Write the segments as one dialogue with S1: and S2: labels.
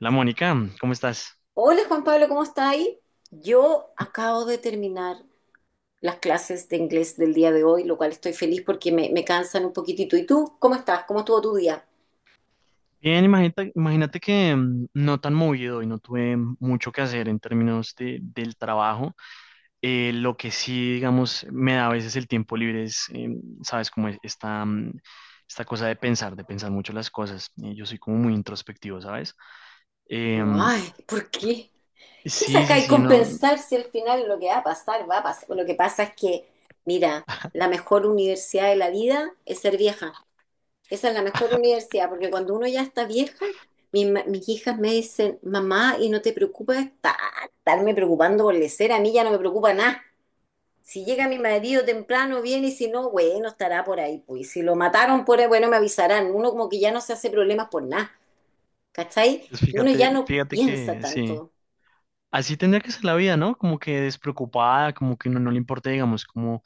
S1: Hola Mónica, ¿cómo estás?
S2: Hola Juan Pablo, ¿cómo está ahí? Yo acabo de terminar las clases de inglés del día de hoy, lo cual estoy feliz porque me cansan un poquitito. ¿Y tú? ¿Cómo estás? ¿Cómo estuvo tu día?
S1: Bien, imagínate, imagínate que no tan movido y no tuve mucho que hacer en términos del trabajo. Lo que sí, digamos, me da a veces el tiempo libre es, sabes, como esta, esta cosa de pensar mucho las cosas. Yo soy como muy introspectivo, ¿sabes? Em,
S2: Ay, ¿por qué? ¿Qué
S1: sí,
S2: saca
S1: sí,
S2: y
S1: sí, no.
S2: compensar si al final lo que va a pasar, va a pasar? Lo que pasa es que, mira, la mejor universidad de la vida es ser vieja. Esa es la mejor universidad, porque cuando uno ya está vieja, mis hijas me dicen, mamá, ¿y no te preocupa estarme preocupando por lecer? A mí ya no me preocupa nada. Si llega mi marido temprano, viene y si no, bueno, estará por ahí. Pues si lo mataron por ahí, bueno, me avisarán. Uno como que ya no se hace problemas por nada, ¿cachai?
S1: pues
S2: Uno ya
S1: Fíjate,
S2: no
S1: fíjate
S2: piensa
S1: que sí.
S2: tanto.
S1: Así tendría que ser la vida, ¿no? Como que despreocupada, como que no, no le importa, digamos, como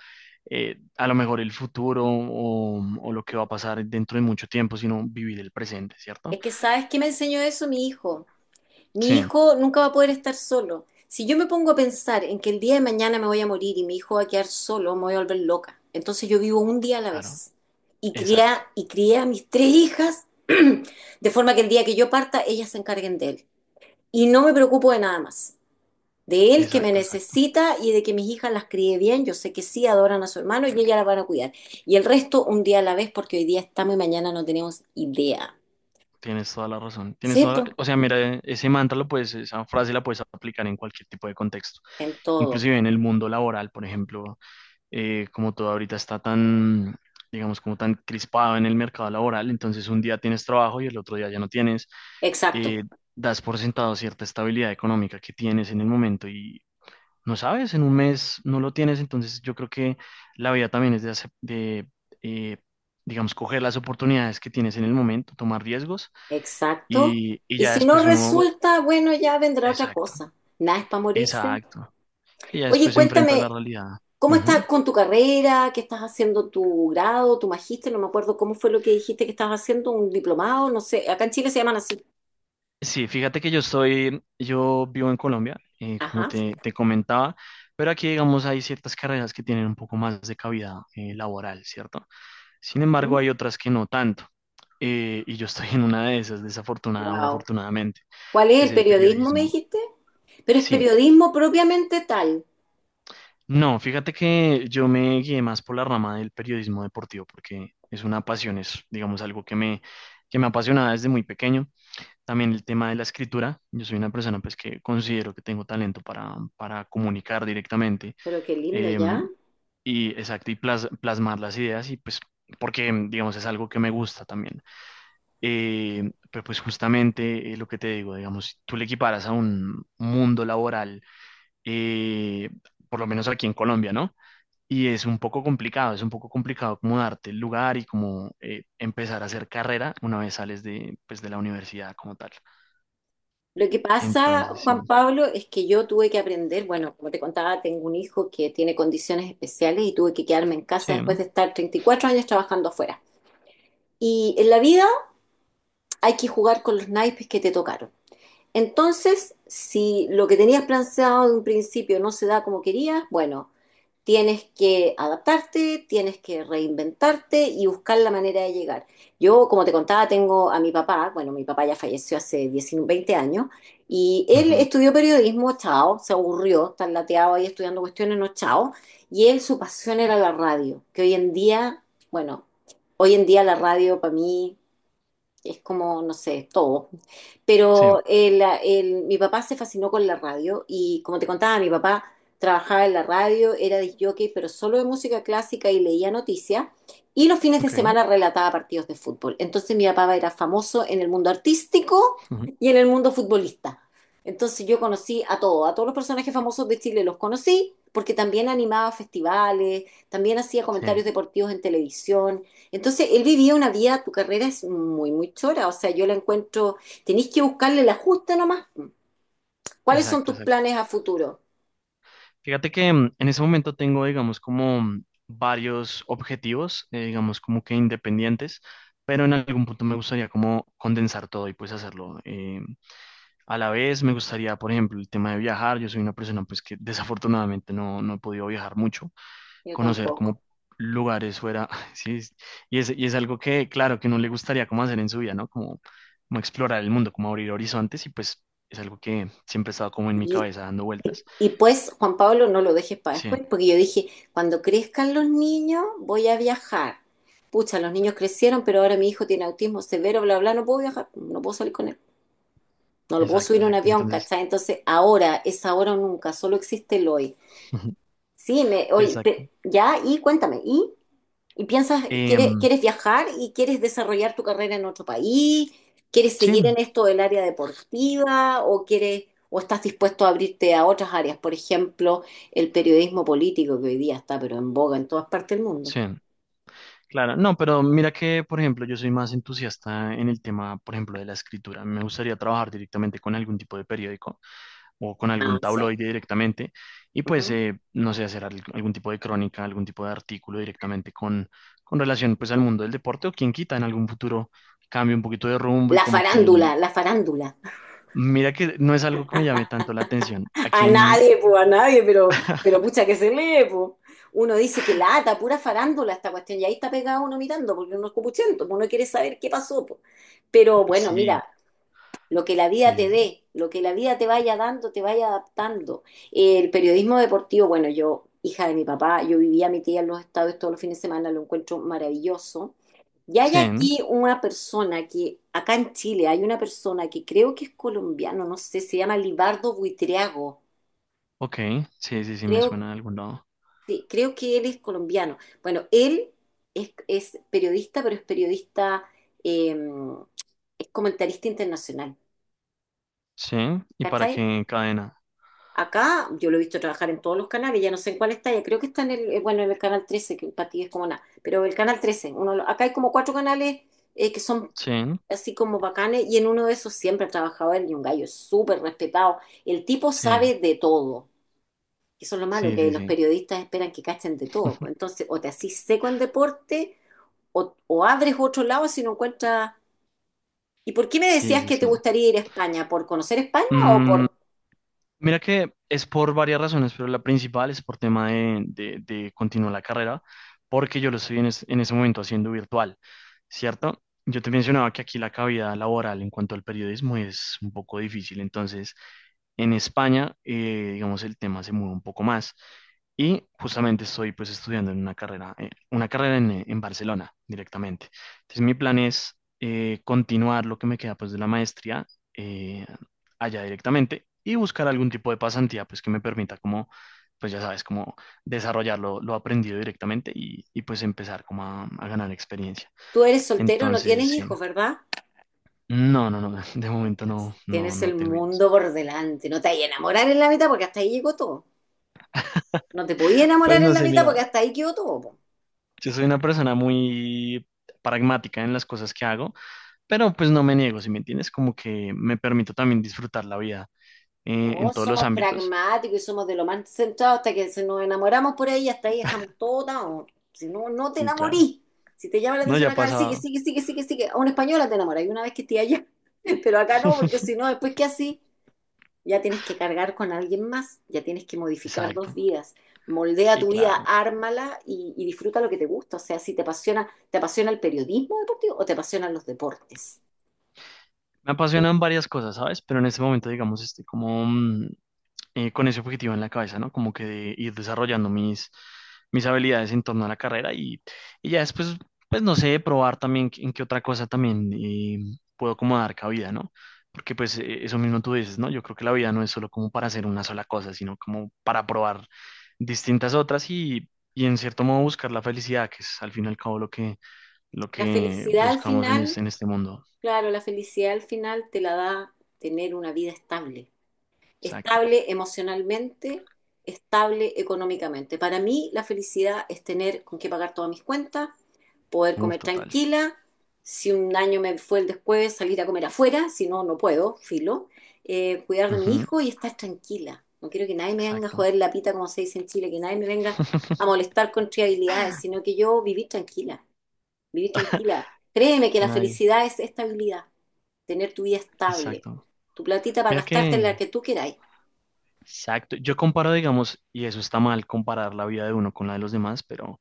S1: a lo mejor el futuro o lo que va a pasar dentro de mucho tiempo, sino vivir el presente, ¿cierto?
S2: Es que, ¿sabes qué me enseñó eso mi hijo? Mi
S1: Sí,
S2: hijo nunca va a poder estar solo. Si yo me pongo a pensar en que el día de mañana me voy a morir y mi hijo va a quedar solo, me voy a volver loca. Entonces yo vivo un día a la
S1: claro,
S2: vez. Y crié,
S1: exacto,
S2: y crié a mis tres hijas de forma que el día que yo parta, ellas se encarguen de él. Y no me preocupo de nada más. De él que me
S1: exacto, exacto.
S2: necesita y de que mis hijas las críe bien. Yo sé que sí adoran a su hermano y ellas las van a cuidar. Y el resto un día a la vez, porque hoy día estamos y mañana no tenemos idea.
S1: Tienes toda la razón.
S2: Sí, pues,
S1: O sea, mira, ese mantra lo puedes, esa frase la puedes aplicar en cualquier tipo de contexto,
S2: en todo.
S1: inclusive en el mundo laboral, por ejemplo, como todo ahorita está tan, digamos, como tan crispado en el mercado laboral, entonces un día tienes trabajo y el otro día ya no tienes,
S2: Exacto,
S1: eh, das por sentado cierta estabilidad económica que tienes en el momento y no sabes, en un mes no lo tienes, entonces yo creo que la vida también es de eh, digamos, coger las oportunidades que tienes en el momento, tomar riesgos
S2: exacto.
S1: y,
S2: Y
S1: ya
S2: si no
S1: después uno,
S2: resulta, bueno, ya vendrá otra
S1: exacto,
S2: cosa. Nada es para morirse.
S1: exacto, sí, ya
S2: Oye,
S1: después se enfrenta a la
S2: cuéntame,
S1: realidad.
S2: ¿cómo estás con tu carrera? ¿Qué estás haciendo tu grado, tu magíster? No me acuerdo cómo fue lo que dijiste que estabas haciendo, un diplomado, no sé. Acá en Chile se llaman así.
S1: Sí, fíjate que yo estoy, yo vivo en Colombia, como
S2: Ajá.
S1: te comentaba, pero aquí, digamos, hay ciertas carreras que tienen un poco más de cabida laboral, ¿cierto? Sin embargo, hay otras que no tanto. Y yo estoy en una de esas, desafortunada o
S2: Wow.
S1: afortunadamente,
S2: ¿Cuál es
S1: que es
S2: el
S1: el
S2: periodismo, me
S1: periodismo.
S2: dijiste? Pero es
S1: Sí,
S2: periodismo propiamente tal.
S1: no, fíjate que yo me guié más por la rama del periodismo deportivo, porque es una pasión, es, digamos, algo que me apasionaba desde muy pequeño. También el tema de la escritura. Yo soy una persona pues que considero que tengo talento para comunicar directamente
S2: Pero qué lindo
S1: eh,
S2: ya.
S1: y exacto, y plasmar las ideas y pues porque digamos es algo que me gusta también. Pero pues justamente lo que te digo, digamos, si tú le equiparas a un mundo laboral, eh, por lo menos aquí en Colombia, ¿no? Y es un poco complicado, es un poco complicado como darte el lugar y como empezar a hacer carrera una vez sales de, pues, de la universidad como tal.
S2: Lo que pasa,
S1: Entonces,
S2: Juan
S1: sí.
S2: Pablo, es que yo tuve que aprender, bueno, como te contaba, tengo un hijo que tiene condiciones especiales y tuve que quedarme en casa
S1: Sí,
S2: después de estar 34 años trabajando afuera. Y en la vida hay que jugar con los naipes que te tocaron. Entonces, si lo que tenías planteado de un principio no se da como querías, bueno, tienes que adaptarte, tienes que reinventarte y buscar la manera de llegar. Yo, como te contaba, tengo a mi papá, bueno, mi papá ya falleció hace 19, 20 años, y él
S1: ujú,
S2: estudió periodismo, chao, se aburrió, tan lateado ahí estudiando cuestiones, no, chao, y él su pasión era la radio, que hoy en día, bueno, hoy en día la radio para mí es como, no sé, todo.
S1: sí,
S2: Pero mi papá se fascinó con la radio y como te contaba, mi papá trabajaba en la radio, era disc jockey, pero solo de música clásica y leía noticias y los fines de
S1: ok,
S2: semana relataba partidos de fútbol. Entonces mi papá era famoso en el mundo artístico
S1: ujú,
S2: y en el mundo futbolista. Entonces yo conocí a todos los personajes famosos de Chile los conocí porque también animaba festivales, también hacía
S1: sí,
S2: comentarios deportivos en televisión. Entonces, él vivía una vida, tu carrera es muy, muy chora, o sea, yo la encuentro, tenéis que buscarle la justa nomás. ¿Cuáles son
S1: exacto,
S2: tus
S1: exacto.
S2: planes a futuro?
S1: Fíjate que en ese momento tengo, digamos, como varios objetivos, digamos, como que independientes, pero en algún punto me gustaría como condensar todo y pues hacerlo. A la vez me gustaría, por ejemplo, el tema de viajar. Yo soy una persona pues que desafortunadamente no, no he podido viajar mucho.
S2: Yo
S1: Conocer
S2: tampoco.
S1: como lugares fuera, sí, y es algo que, claro, que no le gustaría como hacer en su vida, ¿no? Como, como explorar el mundo, como abrir horizontes y pues es algo que siempre ha estado como en mi
S2: Y,
S1: cabeza dando
S2: y-
S1: vueltas.
S2: y pues, Juan Pablo, no lo dejes para
S1: Sí,
S2: después, porque yo dije, cuando crezcan los niños, voy a viajar. Pucha, los niños crecieron, pero ahora mi hijo tiene autismo severo, bla, bla, no puedo viajar, no puedo salir con él, no lo puedo
S1: exacto,
S2: subir a un
S1: exacto,
S2: avión,
S1: entonces,
S2: ¿cachai? Entonces, ahora es ahora o nunca, solo existe el hoy. Sí, oye,
S1: exacto.
S2: ya, y cuéntame, ¿y? ¿Y piensas, quieres,
S1: Em,
S2: quieres viajar y quieres desarrollar tu carrera en otro país? ¿Quieres
S1: sí,
S2: seguir en esto del área deportiva o quieres o estás dispuesto a abrirte a otras áreas? Por ejemplo, el periodismo político que hoy día está pero en boga en todas partes del mundo.
S1: sí. Claro, no, pero mira que, por ejemplo, yo soy más entusiasta en el tema, por ejemplo, de la escritura. Me gustaría trabajar directamente con algún tipo de periódico o con
S2: Ah,
S1: algún
S2: sí.
S1: tabloide directamente y pues,
S2: Ujú.
S1: no sé, hacer algún tipo de crónica, algún tipo de artículo directamente con relación pues al mundo del deporte o quien quita en algún futuro cambie un poquito de rumbo y
S2: La
S1: como que,
S2: farándula, la farándula.
S1: mira que no es algo que me llame tanto la atención. ¿A
S2: A
S1: quién?
S2: nadie, pues, a nadie, pero pucha que se lee, pues. Uno dice que lata, pura farándula esta cuestión, y ahí está pegado uno mirando, porque uno es copuchento, pues, uno quiere saber qué pasó, pues. Pero bueno, mira,
S1: Sí,
S2: lo que la vida
S1: sí,
S2: te
S1: sí.
S2: dé, lo que la vida te vaya dando, te vaya adaptando. El periodismo deportivo, bueno, yo, hija de mi papá, yo vivía a mi tía en los estados todos los fines de semana, lo encuentro maravilloso. Y hay
S1: Sí, ¿no?
S2: aquí una persona que, acá en Chile, hay una persona que creo que es colombiano, no sé, se llama Libardo Buitriago.
S1: Ok, sí, sí, sí, me
S2: Creo,
S1: suena de algún lado.
S2: sí, creo que él es colombiano. Bueno, él es periodista, pero es periodista, eh, es comentarista internacional.
S1: Sí, ¿y para
S2: ¿Cachai?
S1: qué cadena?
S2: Acá yo lo he visto trabajar en todos los canales, ya no sé en cuál está, ya creo que está en el, bueno, en el canal 13 que para ti es como nada, pero el canal 13. Uno, lo- acá hay como cuatro canales que son
S1: Sí,
S2: así como bacanes y en uno de esos siempre ha trabajado él y un gallo súper respetado. El tipo
S1: sí,
S2: sabe de todo, eso es lo malo,
S1: sí,
S2: que
S1: sí,
S2: los
S1: sí.
S2: periodistas esperan que cachen de todo, pues. Entonces, o te asís seco en deporte o abres otro lado si no encuentras... ¿Y por qué me
S1: Sí,
S2: decías
S1: sí,
S2: que te
S1: sí.
S2: gustaría ir a España? ¿Por conocer España o
S1: Mm,
S2: por
S1: mira que es por varias razones, pero la principal es por tema de continuar la carrera, porque yo lo estoy en, en ese momento haciendo virtual, ¿cierto? Yo te mencionaba que aquí la cavidad laboral en cuanto al periodismo es un poco difícil, entonces en España, digamos, el tema se mueve un poco más. Y justamente estoy pues estudiando en una carrera en Barcelona directamente. Entonces mi plan es continuar lo que me queda pues de la maestría eh, allá directamente y buscar algún tipo de pasantía pues que me permita como, pues ya sabes, como desarrollar lo aprendido directamente y, pues empezar como a ganar experiencia.
S2: tú eres soltero, no tienes
S1: Entonces, sí.
S2: hijos, ¿verdad?
S1: No, no, no, de momento no, no,
S2: Tienes
S1: no
S2: el
S1: tengo hijos.
S2: mundo por delante. No te hay enamorar en la mitad porque hasta ahí llegó todo. No te podías
S1: Pues
S2: enamorar en
S1: no
S2: la
S1: sé,
S2: mitad porque
S1: mira,
S2: hasta ahí quedó todo, po.
S1: yo soy una persona muy pragmática en las cosas que hago, pero pues no me niego, ¿si me entiendes? Como que me permito también disfrutar la vida en
S2: Todos
S1: todos los
S2: somos
S1: ámbitos.
S2: pragmáticos y somos de lo más centrados hasta que se nos enamoramos por ahí, hasta ahí dejamos todo down. Si no, no te
S1: Sí, claro.
S2: enamorís. Si te llama la
S1: No,
S2: atención
S1: ya
S2: acá, sigue,
S1: pasa.
S2: sigue, sigue, sigue, sigue. A una española te enamoras y una vez que esté allá. Pero acá no, porque si no, después qué así, ya tienes que cargar con alguien más, ya tienes que modificar dos
S1: Exacto.
S2: vidas. Moldea
S1: Sí,
S2: tu vida,
S1: claro.
S2: ármala y disfruta lo que te gusta. O sea, si te apasiona, ¿te apasiona el periodismo deportivo o te apasionan los deportes?
S1: Me apasionan varias cosas, ¿sabes? Pero en este momento, digamos, estoy como con ese objetivo en la cabeza, ¿no? Como que de ir desarrollando mis, mis habilidades en torno a la carrera y ya después, pues no sé, probar también en qué otra cosa también puedo como dar cabida, ¿no? Porque pues eso mismo tú dices, ¿no? Yo creo que la vida no es solo como para hacer una sola cosa, sino como para probar distintas otras y en cierto modo buscar la felicidad, que es al fin y al cabo lo
S2: La
S1: que
S2: felicidad al
S1: buscamos
S2: final,
S1: en este mundo.
S2: claro, la felicidad al final te la da tener una vida estable.
S1: Exacto.
S2: Estable emocionalmente, estable económicamente. Para mí, la felicidad es tener con qué pagar todas mis cuentas, poder
S1: Uf,
S2: comer
S1: total.
S2: tranquila. Si un año me fue el después, salir a comer afuera, si no, no puedo, filo. Cuidar de mi
S1: Ujú,
S2: hijo y estar tranquila. No quiero que nadie me venga a
S1: exacto.
S2: joder la pita, como se dice en Chile, que nadie me venga a molestar con triabilidades, sino que yo vivir tranquila, vivir tranquila. Créeme que
S1: Que
S2: la
S1: nadie.
S2: felicidad es estabilidad, tener tu vida estable,
S1: Exacto.
S2: tu platita para
S1: Mira
S2: gastarte en
S1: que,
S2: la que tú queráis.
S1: exacto, yo comparo, digamos, y eso está mal, comparar la vida de uno con la de los demás, pero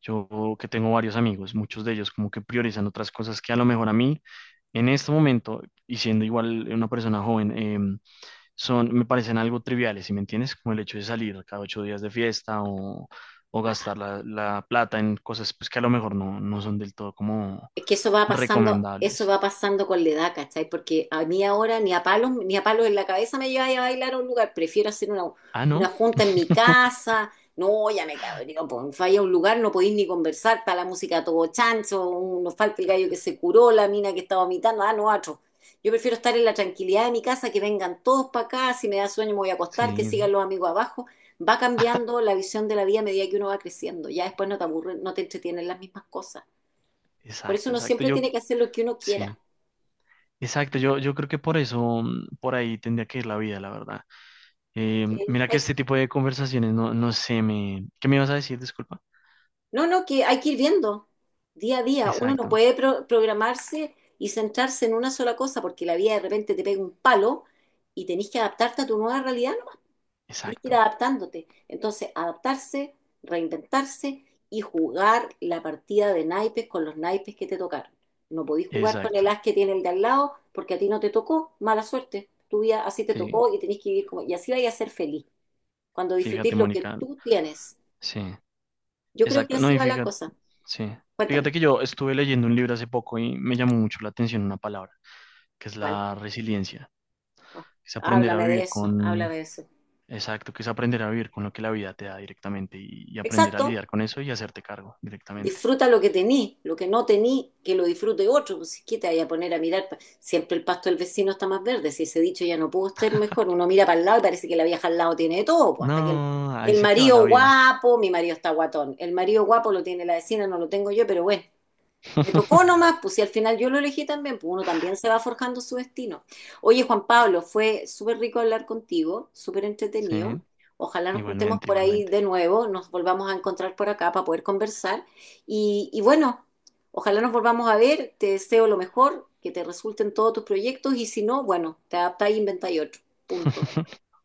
S1: yo que tengo varios amigos, muchos de ellos como que priorizan otras cosas que a lo mejor a mí, en este momento, y siendo igual una persona joven, son, me parecen algo triviales, ¿sí me entiendes? Como el hecho de salir cada ocho días de fiesta o gastar la, la plata en cosas pues, que a lo mejor no, no son del todo como
S2: Es que eso
S1: recomendables.
S2: va pasando con la edad, ¿cachai? Porque a mí ahora ni a palos, ni a palos en la cabeza me lleva a bailar a un lugar. Prefiero hacer una,
S1: Ah,
S2: una
S1: ¿no?
S2: junta en mi casa. No, ya me cabreo, pues falla a un lugar, no podéis ni conversar, está la música a todo chancho, nos falta el gallo que se curó, la mina que está vomitando, ah, no, otro. Yo prefiero estar en la tranquilidad de mi casa, que vengan todos para acá, si me da sueño me voy a acostar, que
S1: Sí,
S2: sigan los amigos abajo. Va cambiando la visión de la vida a medida que uno va creciendo. Ya después no te aburre, no te entretienen las mismas cosas. Por eso
S1: exacto,
S2: uno
S1: exacto.
S2: siempre
S1: Yo,
S2: tiene que hacer lo que uno quiera.
S1: sí. Exacto, yo creo que por eso, por ahí tendría que ir la vida, la verdad.
S2: Sí.
S1: Mira que este tipo de conversaciones, no, no sé, me... ¿Qué me ibas a decir? Disculpa.
S2: No, no, que hay que ir viendo día a día. Uno no
S1: Exacto,
S2: puede programarse y centrarse en una sola cosa porque la vida de repente te pega un palo y tenés que adaptarte a tu nueva realidad, ¿no? Tenés que ir
S1: exacto,
S2: adaptándote. Entonces, adaptarse, reinventarse y jugar la partida de naipes con los naipes que te tocaron. No podís jugar con
S1: exacto.
S2: el as que tiene el de al lado porque a ti no te tocó, mala suerte. Tu vida así te
S1: Fí-
S2: tocó y tenés que vivir como... Y así vayas a ser feliz. Cuando
S1: Fíjate,
S2: disfrutís lo que
S1: Mónica.
S2: tú tienes.
S1: Sí,
S2: Yo creo que
S1: exacto. No,
S2: así
S1: y
S2: va la
S1: fíjate,
S2: cosa.
S1: sí. Fíjate
S2: Cuéntame.
S1: que yo estuve leyendo un libro hace poco y me llamó mucho la atención una palabra, que es
S2: ¿Cuál?
S1: la resiliencia.
S2: Oh,
S1: Que es aprender a
S2: háblame de
S1: vivir
S2: eso,
S1: con,
S2: háblame de eso.
S1: exacto, que es aprender a vivir con lo que la vida te da directamente y aprender a
S2: Exacto.
S1: lidiar con eso y hacerte cargo directamente.
S2: Disfruta lo que tení, lo que no tení, que lo disfrute otro. Pues, ¿qué te vaya a poner a mirar? Siempre el pasto del vecino está más verde. Si ese dicho ya no pudo ser mejor, uno mira para el lado y parece que la vieja al lado tiene de todo. Pues, hasta que el,
S1: No, ahí
S2: el
S1: se te va la
S2: marido
S1: vida.
S2: guapo, mi marido está guatón. El marido guapo lo tiene la vecina, no lo tengo yo, pero bueno, me tocó nomás, pues si al final yo lo elegí también, pues uno también se va forjando su destino. Oye, Juan Pablo, fue súper rico hablar contigo, súper
S1: Sí,
S2: entretenido. Ojalá nos juntemos
S1: igualmente,
S2: por ahí
S1: igualmente.
S2: de nuevo, nos volvamos a encontrar por acá para poder conversar. Y bueno, ojalá nos volvamos a ver, te deseo lo mejor, que te resulten todos tus proyectos y si no, bueno, te adaptás e inventáis otro. Punto.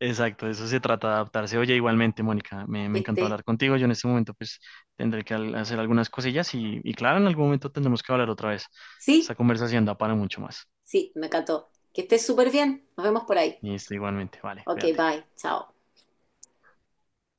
S1: Exacto, de eso se trata de adaptarse. Oye, igualmente, Mónica, me,
S2: Que
S1: me encantó
S2: estés,
S1: hablar contigo. Yo en este momento pues tendré que hacer algunas cosillas y claro, en algún momento tendremos que hablar otra vez.
S2: sí,
S1: Esta conversación da para mucho más.
S2: sí, me encantó. Que estés súper bien, nos vemos por ahí.
S1: Y esto igualmente, vale,
S2: Ok,
S1: cuídate.
S2: bye, chao.